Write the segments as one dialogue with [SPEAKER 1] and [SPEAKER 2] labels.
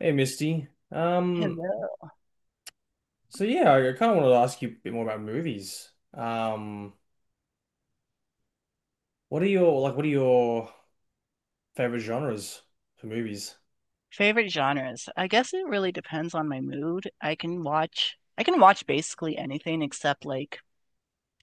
[SPEAKER 1] Hey Misty. Um,
[SPEAKER 2] Hello.
[SPEAKER 1] so yeah, I kind of wanted to ask you a bit more about movies. What are your favorite genres for movies?
[SPEAKER 2] Favorite genres. I guess it really depends on my mood. I can watch basically anything except like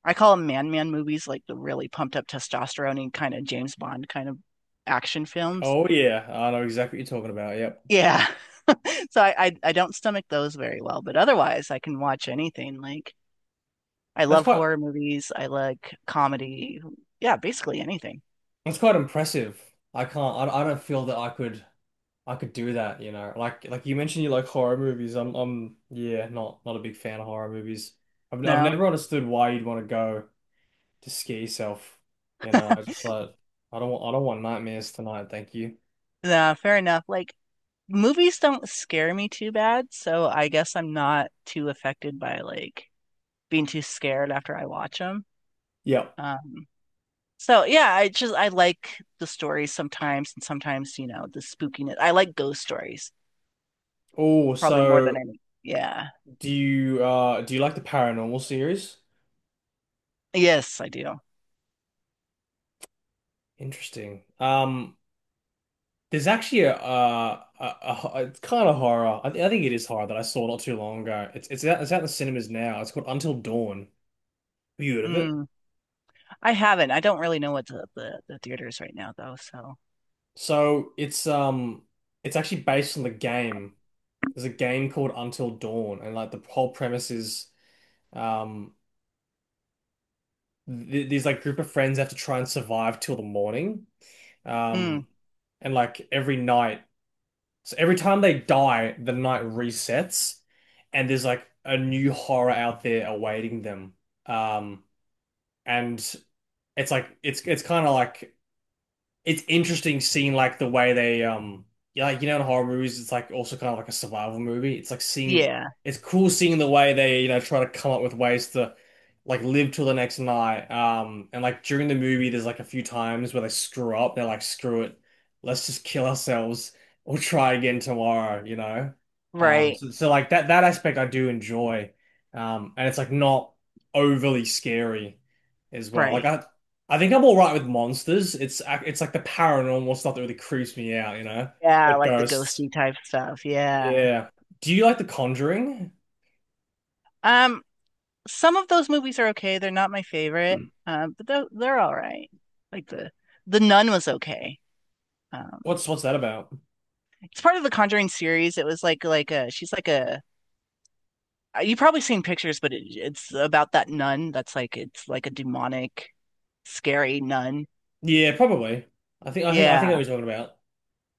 [SPEAKER 2] I call them man movies, like the really pumped up testosterone kind of James Bond kind of action films.
[SPEAKER 1] Oh yeah, I know exactly what you're talking about. Yep.
[SPEAKER 2] Yeah. So I don't stomach those very well, but otherwise I can watch anything. Like I
[SPEAKER 1] That's
[SPEAKER 2] love
[SPEAKER 1] quite
[SPEAKER 2] horror movies. I like comedy. Yeah, basically anything.
[SPEAKER 1] that's quite impressive. I don't feel that I could do that, you know. Like you mentioned you like horror movies. I'm yeah, not a big fan of horror movies. I've
[SPEAKER 2] No,
[SPEAKER 1] never understood why you'd want to go to scare yourself. You know, I just like I don't want nightmares tonight, thank you.
[SPEAKER 2] no, fair enough. Like movies don't scare me too bad, so I guess I'm not too affected by like being too scared after I watch them.
[SPEAKER 1] Yeah.
[SPEAKER 2] Um, So yeah, I like the stories sometimes and sometimes, the spookiness. I like ghost stories
[SPEAKER 1] Oh,
[SPEAKER 2] probably more
[SPEAKER 1] so
[SPEAKER 2] than any. Yeah.
[SPEAKER 1] do you like the paranormal series?
[SPEAKER 2] Yes, I do.
[SPEAKER 1] Interesting. There's actually it's kind of horror. I think it is horror that I saw not too long ago. It's out in the cinemas now. It's called Until Dawn. Have you heard of it?
[SPEAKER 2] Mm. I haven't. I don't really know what the theater is right now though, so.
[SPEAKER 1] So it's it's actually based on the game. There's a game called Until Dawn, and like the whole premise is um th these like group of friends have to try and survive till the morning.
[SPEAKER 2] Mm.
[SPEAKER 1] Um. And like every night, So every time they die, the night resets, and there's like a new horror out there awaiting them. Um, and it's like it's it's interesting seeing like the way they, in horror movies it's like also kind of like a survival movie. It's like seeing
[SPEAKER 2] Yeah.
[SPEAKER 1] it's cool seeing the way they, you know, try to come up with ways to like live till the next night. Um and like during the movie there's like a few times where they screw up. They're like, screw it, let's just kill ourselves, we'll try again tomorrow, you know. um
[SPEAKER 2] Right.
[SPEAKER 1] so, so like that aspect I do enjoy, and it's like not overly scary as well.
[SPEAKER 2] Right.
[SPEAKER 1] I think I'm all right with monsters. It's like the paranormal stuff that really creeps me out, you know,
[SPEAKER 2] Yeah,
[SPEAKER 1] like
[SPEAKER 2] like the
[SPEAKER 1] ghosts.
[SPEAKER 2] ghosty type stuff. Yeah.
[SPEAKER 1] Yeah. Do you like The Conjuring?
[SPEAKER 2] Um, some of those movies are okay. They're not my favorite. But they're all right. Like the Nun was okay. Um,
[SPEAKER 1] What's that about?
[SPEAKER 2] it's part of the Conjuring series. It was like a she's like a you've probably seen pictures, but it's about that nun that's like it's like a demonic, scary nun.
[SPEAKER 1] Yeah, probably. I think I
[SPEAKER 2] Yeah,
[SPEAKER 1] think I know what you're talking about.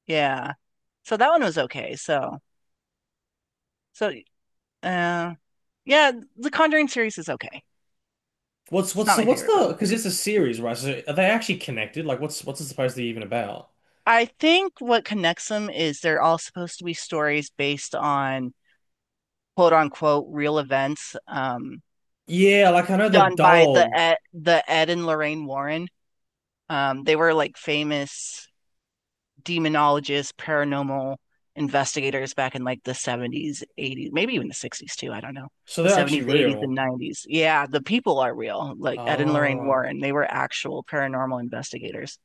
[SPEAKER 2] yeah. So that one was okay. So uh yeah, the Conjuring series is okay.
[SPEAKER 1] What's
[SPEAKER 2] It's
[SPEAKER 1] what's
[SPEAKER 2] not
[SPEAKER 1] the
[SPEAKER 2] my
[SPEAKER 1] what's
[SPEAKER 2] favorite, but
[SPEAKER 1] the
[SPEAKER 2] it's
[SPEAKER 1] because
[SPEAKER 2] okay.
[SPEAKER 1] it's a series, right? So are they actually connected? Like, what's it supposed to be even about?
[SPEAKER 2] I think what connects them is they're all supposed to be stories based on quote unquote real events
[SPEAKER 1] Yeah, like I know the
[SPEAKER 2] done by
[SPEAKER 1] doll,
[SPEAKER 2] the Ed and Lorraine Warren. They were like famous demonologists, paranormal investigators back in like the 70s, 80s, maybe even the 60s too. I don't know.
[SPEAKER 1] so
[SPEAKER 2] The
[SPEAKER 1] they're actually
[SPEAKER 2] 70s, 80s, and
[SPEAKER 1] real.
[SPEAKER 2] 90s. Yeah, the people are real. Like Ed and Lorraine
[SPEAKER 1] Oh,
[SPEAKER 2] Warren, they were actual paranormal investigators.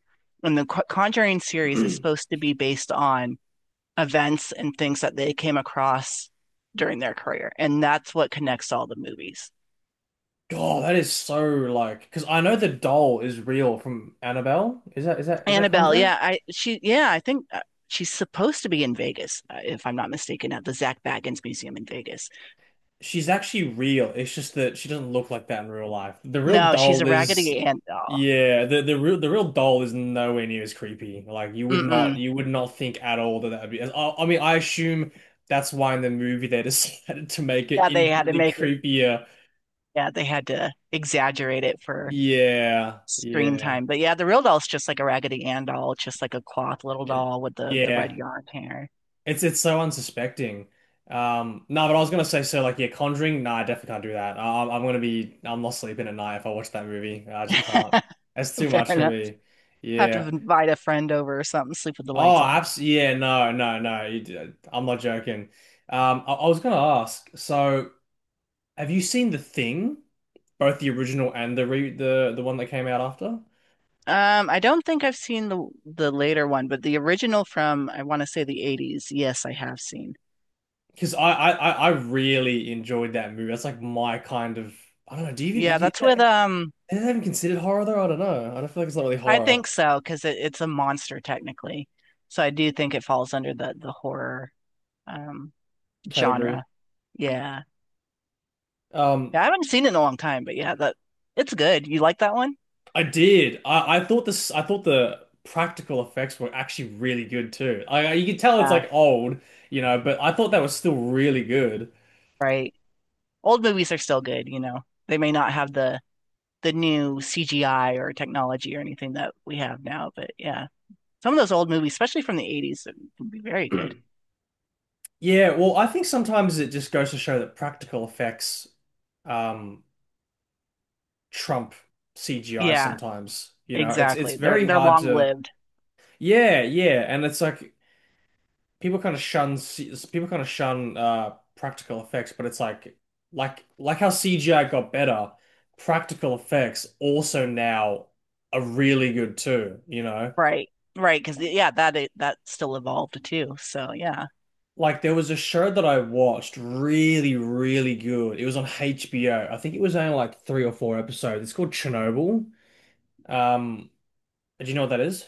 [SPEAKER 2] And the Conjuring series is supposed to be based on events and things that they came across during their career. And that's what connects all the movies.
[SPEAKER 1] God, that is so, like, because I know the doll is real from Annabelle. Is that, is that
[SPEAKER 2] Annabelle,
[SPEAKER 1] Conjuring?
[SPEAKER 2] yeah, I she yeah, I think she's supposed to be in Vegas, if I'm not mistaken, at the Zach Baggins Museum in Vegas.
[SPEAKER 1] She's actually real. It's just that she doesn't look like that in real life. The real
[SPEAKER 2] No, she's a
[SPEAKER 1] doll is,
[SPEAKER 2] Raggedy Ann doll.
[SPEAKER 1] yeah, the real doll is nowhere near as creepy. Like
[SPEAKER 2] Mm-mm.
[SPEAKER 1] you would not think at all that that would be. I mean, I assume that's why in the movie they decided to make it
[SPEAKER 2] Yeah, they had to
[SPEAKER 1] infinitely
[SPEAKER 2] make it.
[SPEAKER 1] creepier.
[SPEAKER 2] Yeah, they had to exaggerate it for
[SPEAKER 1] Yeah,
[SPEAKER 2] screen
[SPEAKER 1] yeah,
[SPEAKER 2] time. But yeah, the real doll's just like a Raggedy Ann doll, just like a cloth little
[SPEAKER 1] It-
[SPEAKER 2] doll with the red
[SPEAKER 1] yeah.
[SPEAKER 2] yarn hair.
[SPEAKER 1] It's so unsuspecting. No, but I was gonna say, so, like, yeah, Conjuring. Nah, I definitely can't do that. I'm gonna be I'm not sleeping at night if I watch that movie. I just can't. That's too
[SPEAKER 2] Fair
[SPEAKER 1] much for
[SPEAKER 2] enough.
[SPEAKER 1] me.
[SPEAKER 2] Have to
[SPEAKER 1] Yeah.
[SPEAKER 2] invite a friend over or something, sleep with the
[SPEAKER 1] Oh,
[SPEAKER 2] lights on.
[SPEAKER 1] abs. Yeah. No. No. No. I'm not joking. I was gonna ask. So, have you seen The Thing, both the original and the one that came out after?
[SPEAKER 2] I don't think I've seen the later one, but the original from I want to say the 80s. Yes, I have seen.
[SPEAKER 1] Because I really enjoyed that movie. That's like my kind of, I don't know. Do you even
[SPEAKER 2] Yeah,
[SPEAKER 1] do you, Is
[SPEAKER 2] that's with
[SPEAKER 1] that
[SPEAKER 2] um
[SPEAKER 1] even considered horror though? I don't know. I don't feel like it's not really
[SPEAKER 2] I
[SPEAKER 1] horror
[SPEAKER 2] think so because it's a monster technically. So I do think it falls under the horror um
[SPEAKER 1] category.
[SPEAKER 2] genre. Yeah.
[SPEAKER 1] Um,
[SPEAKER 2] Yeah, I haven't seen it in a long time, but yeah, that it's good. You like that one?
[SPEAKER 1] I did. I thought this. I thought the practical effects were actually really good too. I, you can tell it's
[SPEAKER 2] Yeah,
[SPEAKER 1] like old, you know, but I thought that was still really good.
[SPEAKER 2] right. Old movies are still good. They may not have the new CGI or technology or anything that we have now, but yeah. Some of those old movies, especially from the 80s, can be very good.
[SPEAKER 1] Yeah. Well, I think sometimes it just goes to show that practical effects um trump CGI
[SPEAKER 2] Yeah,
[SPEAKER 1] sometimes. You know, it's
[SPEAKER 2] exactly. They're
[SPEAKER 1] very
[SPEAKER 2] they're
[SPEAKER 1] hard
[SPEAKER 2] long
[SPEAKER 1] to.
[SPEAKER 2] lived.
[SPEAKER 1] Yeah, yeah, and it's like people kind of shun practical effects, but it's like like how CGI got better, practical effects also now are really good too, you know?
[SPEAKER 2] Right. Right, because yeah, that still evolved too. So yeah.
[SPEAKER 1] Like there was a show that I watched, really, really good. It was on HBO. I think it was only like three or four episodes. It's called Chernobyl. Um, do you know what that is?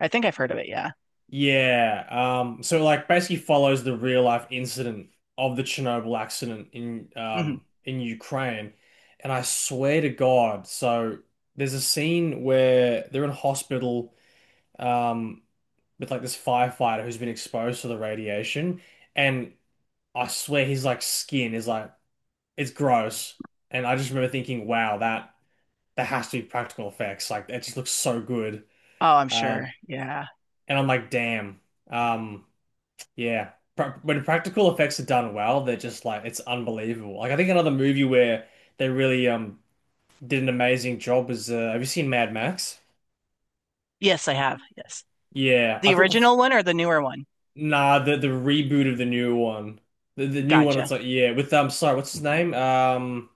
[SPEAKER 2] I think I've heard of it, yeah.
[SPEAKER 1] Yeah, so like basically follows the real life incident of the Chernobyl accident
[SPEAKER 2] Hmm.
[SPEAKER 1] in Ukraine, and I swear to God, so there's a scene where they're in hospital um with like this firefighter who's been exposed to the radiation, and I swear his like skin is like it's gross, and I just remember thinking, wow, that has to be practical effects, like it just looks so good,
[SPEAKER 2] Oh, I'm sure.
[SPEAKER 1] um,
[SPEAKER 2] Yeah.
[SPEAKER 1] and I'm like, damn, um. Yeah. Pra when practical effects are done well, they're just like it's unbelievable. Like I think another movie where they really did an amazing job was have you seen Mad Max?
[SPEAKER 2] Yes, I have. Yes.
[SPEAKER 1] Yeah, I
[SPEAKER 2] The
[SPEAKER 1] thought the
[SPEAKER 2] original one or the newer one?
[SPEAKER 1] nah the reboot of the new one, the new one. It's
[SPEAKER 2] Gotcha.
[SPEAKER 1] like, yeah, with sorry, what's his name, um,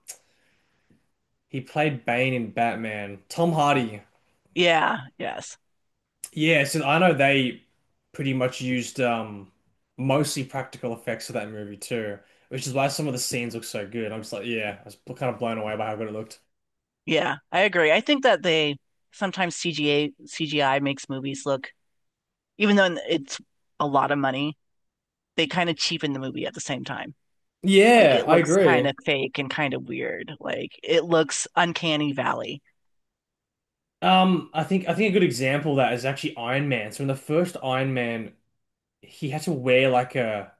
[SPEAKER 1] he played Bane in Batman. Tom Hardy.
[SPEAKER 2] Yeah, yes.
[SPEAKER 1] Yeah, so I know they pretty much used mostly practical effects for that movie too, which is why some of the scenes look so good. I'm just like, yeah, I was kind of blown away by how good it looked.
[SPEAKER 2] Yeah, I agree. I think that they sometimes CGA CGI makes movies look, even though it's a lot of money, they kind of cheapen the movie at the same time. Like
[SPEAKER 1] Yeah,
[SPEAKER 2] it
[SPEAKER 1] I
[SPEAKER 2] looks kind
[SPEAKER 1] agree.
[SPEAKER 2] of fake and kind of weird. Like it looks uncanny valley.
[SPEAKER 1] I think a good example of that is actually Iron Man. So in the first Iron Man, he had to wear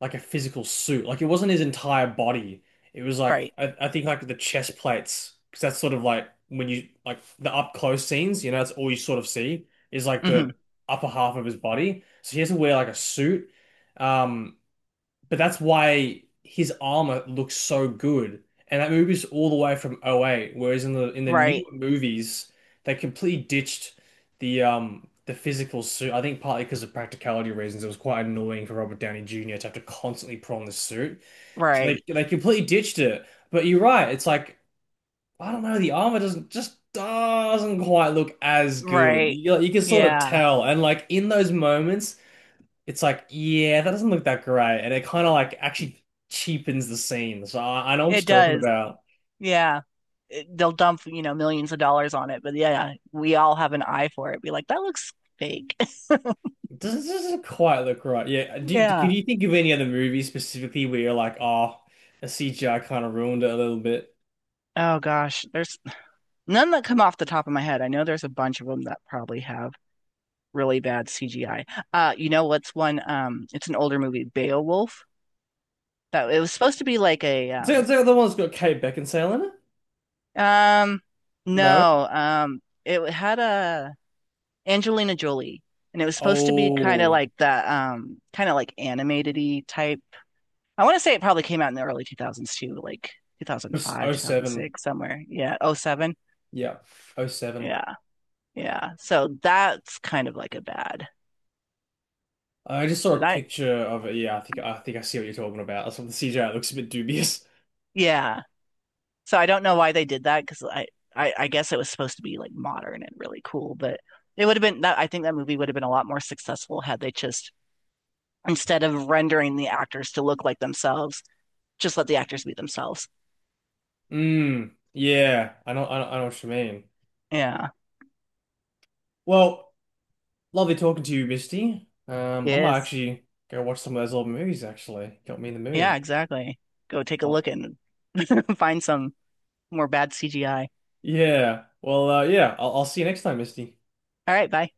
[SPEAKER 1] like a physical suit. Like it wasn't his entire body. It was like
[SPEAKER 2] Right.
[SPEAKER 1] I think like the chest plates, because that's sort of like when you like the up close scenes, you know, that's all you sort of see is like
[SPEAKER 2] Hmm.
[SPEAKER 1] the upper half of his body. So he has to wear like a suit. Um, but that's why his armor looks so good. And that movie's all the way from '08. Whereas in the
[SPEAKER 2] Right.
[SPEAKER 1] newer movies, they completely ditched the physical suit. I think partly because of practicality reasons, it was quite annoying for Robert Downey Jr. to have to constantly put on this suit. So
[SPEAKER 2] Right.
[SPEAKER 1] they completely ditched it. But you're right, it's like, I don't know, the armor doesn't, just doesn't quite look as good.
[SPEAKER 2] Right.
[SPEAKER 1] You can sort of
[SPEAKER 2] Yeah.
[SPEAKER 1] tell, and like in those moments it's like, yeah, that doesn't look that great. And it kind of like actually cheapens the scene. So I know what
[SPEAKER 2] It
[SPEAKER 1] you're talking
[SPEAKER 2] does.
[SPEAKER 1] about.
[SPEAKER 2] Yeah. They'll dump millions of dollars on it, but yeah, yeah, we all have an eye for it, be like that looks fake.
[SPEAKER 1] It doesn't quite look right. Yeah. Can
[SPEAKER 2] Yeah,
[SPEAKER 1] you think of any other movies specifically where you're like, oh, the CGI kind of ruined it a little bit?
[SPEAKER 2] oh gosh, there's none that come off the top of my head. I know there's a bunch of them that probably have really bad CGI. You know what's one? It's an older movie, Beowulf, that it was supposed to be like a um
[SPEAKER 1] Is that the one that's got Kate Beckinsale in it?
[SPEAKER 2] um
[SPEAKER 1] No.
[SPEAKER 2] no, it had a Angelina Jolie, and it was supposed to be kind of
[SPEAKER 1] Oh,
[SPEAKER 2] like that kind of like animated type. I want to say it probably came out in the early 2000s too, like 2005,
[SPEAKER 1] oh seven.
[SPEAKER 2] 2006, somewhere. Yeah, '07.
[SPEAKER 1] Yeah, Oh seven.
[SPEAKER 2] Yeah, yeah. So that's kind of like a bad,
[SPEAKER 1] I just saw a
[SPEAKER 2] but
[SPEAKER 1] picture of it. Yeah, I think I see what you're talking about. That's what the CGI looks a bit dubious.
[SPEAKER 2] yeah. So I don't know why they did that because I guess it was supposed to be like modern and really cool, but it would have been that I think that movie would have been a lot more successful had they just instead of rendering the actors to look like themselves, just let the actors be themselves.
[SPEAKER 1] Mm, yeah, I know, I know what you mean.
[SPEAKER 2] Yeah.
[SPEAKER 1] Well, lovely talking to you, Misty. I might
[SPEAKER 2] Yes.
[SPEAKER 1] actually go watch some of those old movies, actually. Got me in the
[SPEAKER 2] Yeah,
[SPEAKER 1] mood.
[SPEAKER 2] exactly. Go take a
[SPEAKER 1] I'll,
[SPEAKER 2] look and find some more bad CGI.
[SPEAKER 1] yeah. Well, yeah, I'll see you next time, Misty.
[SPEAKER 2] All right, bye.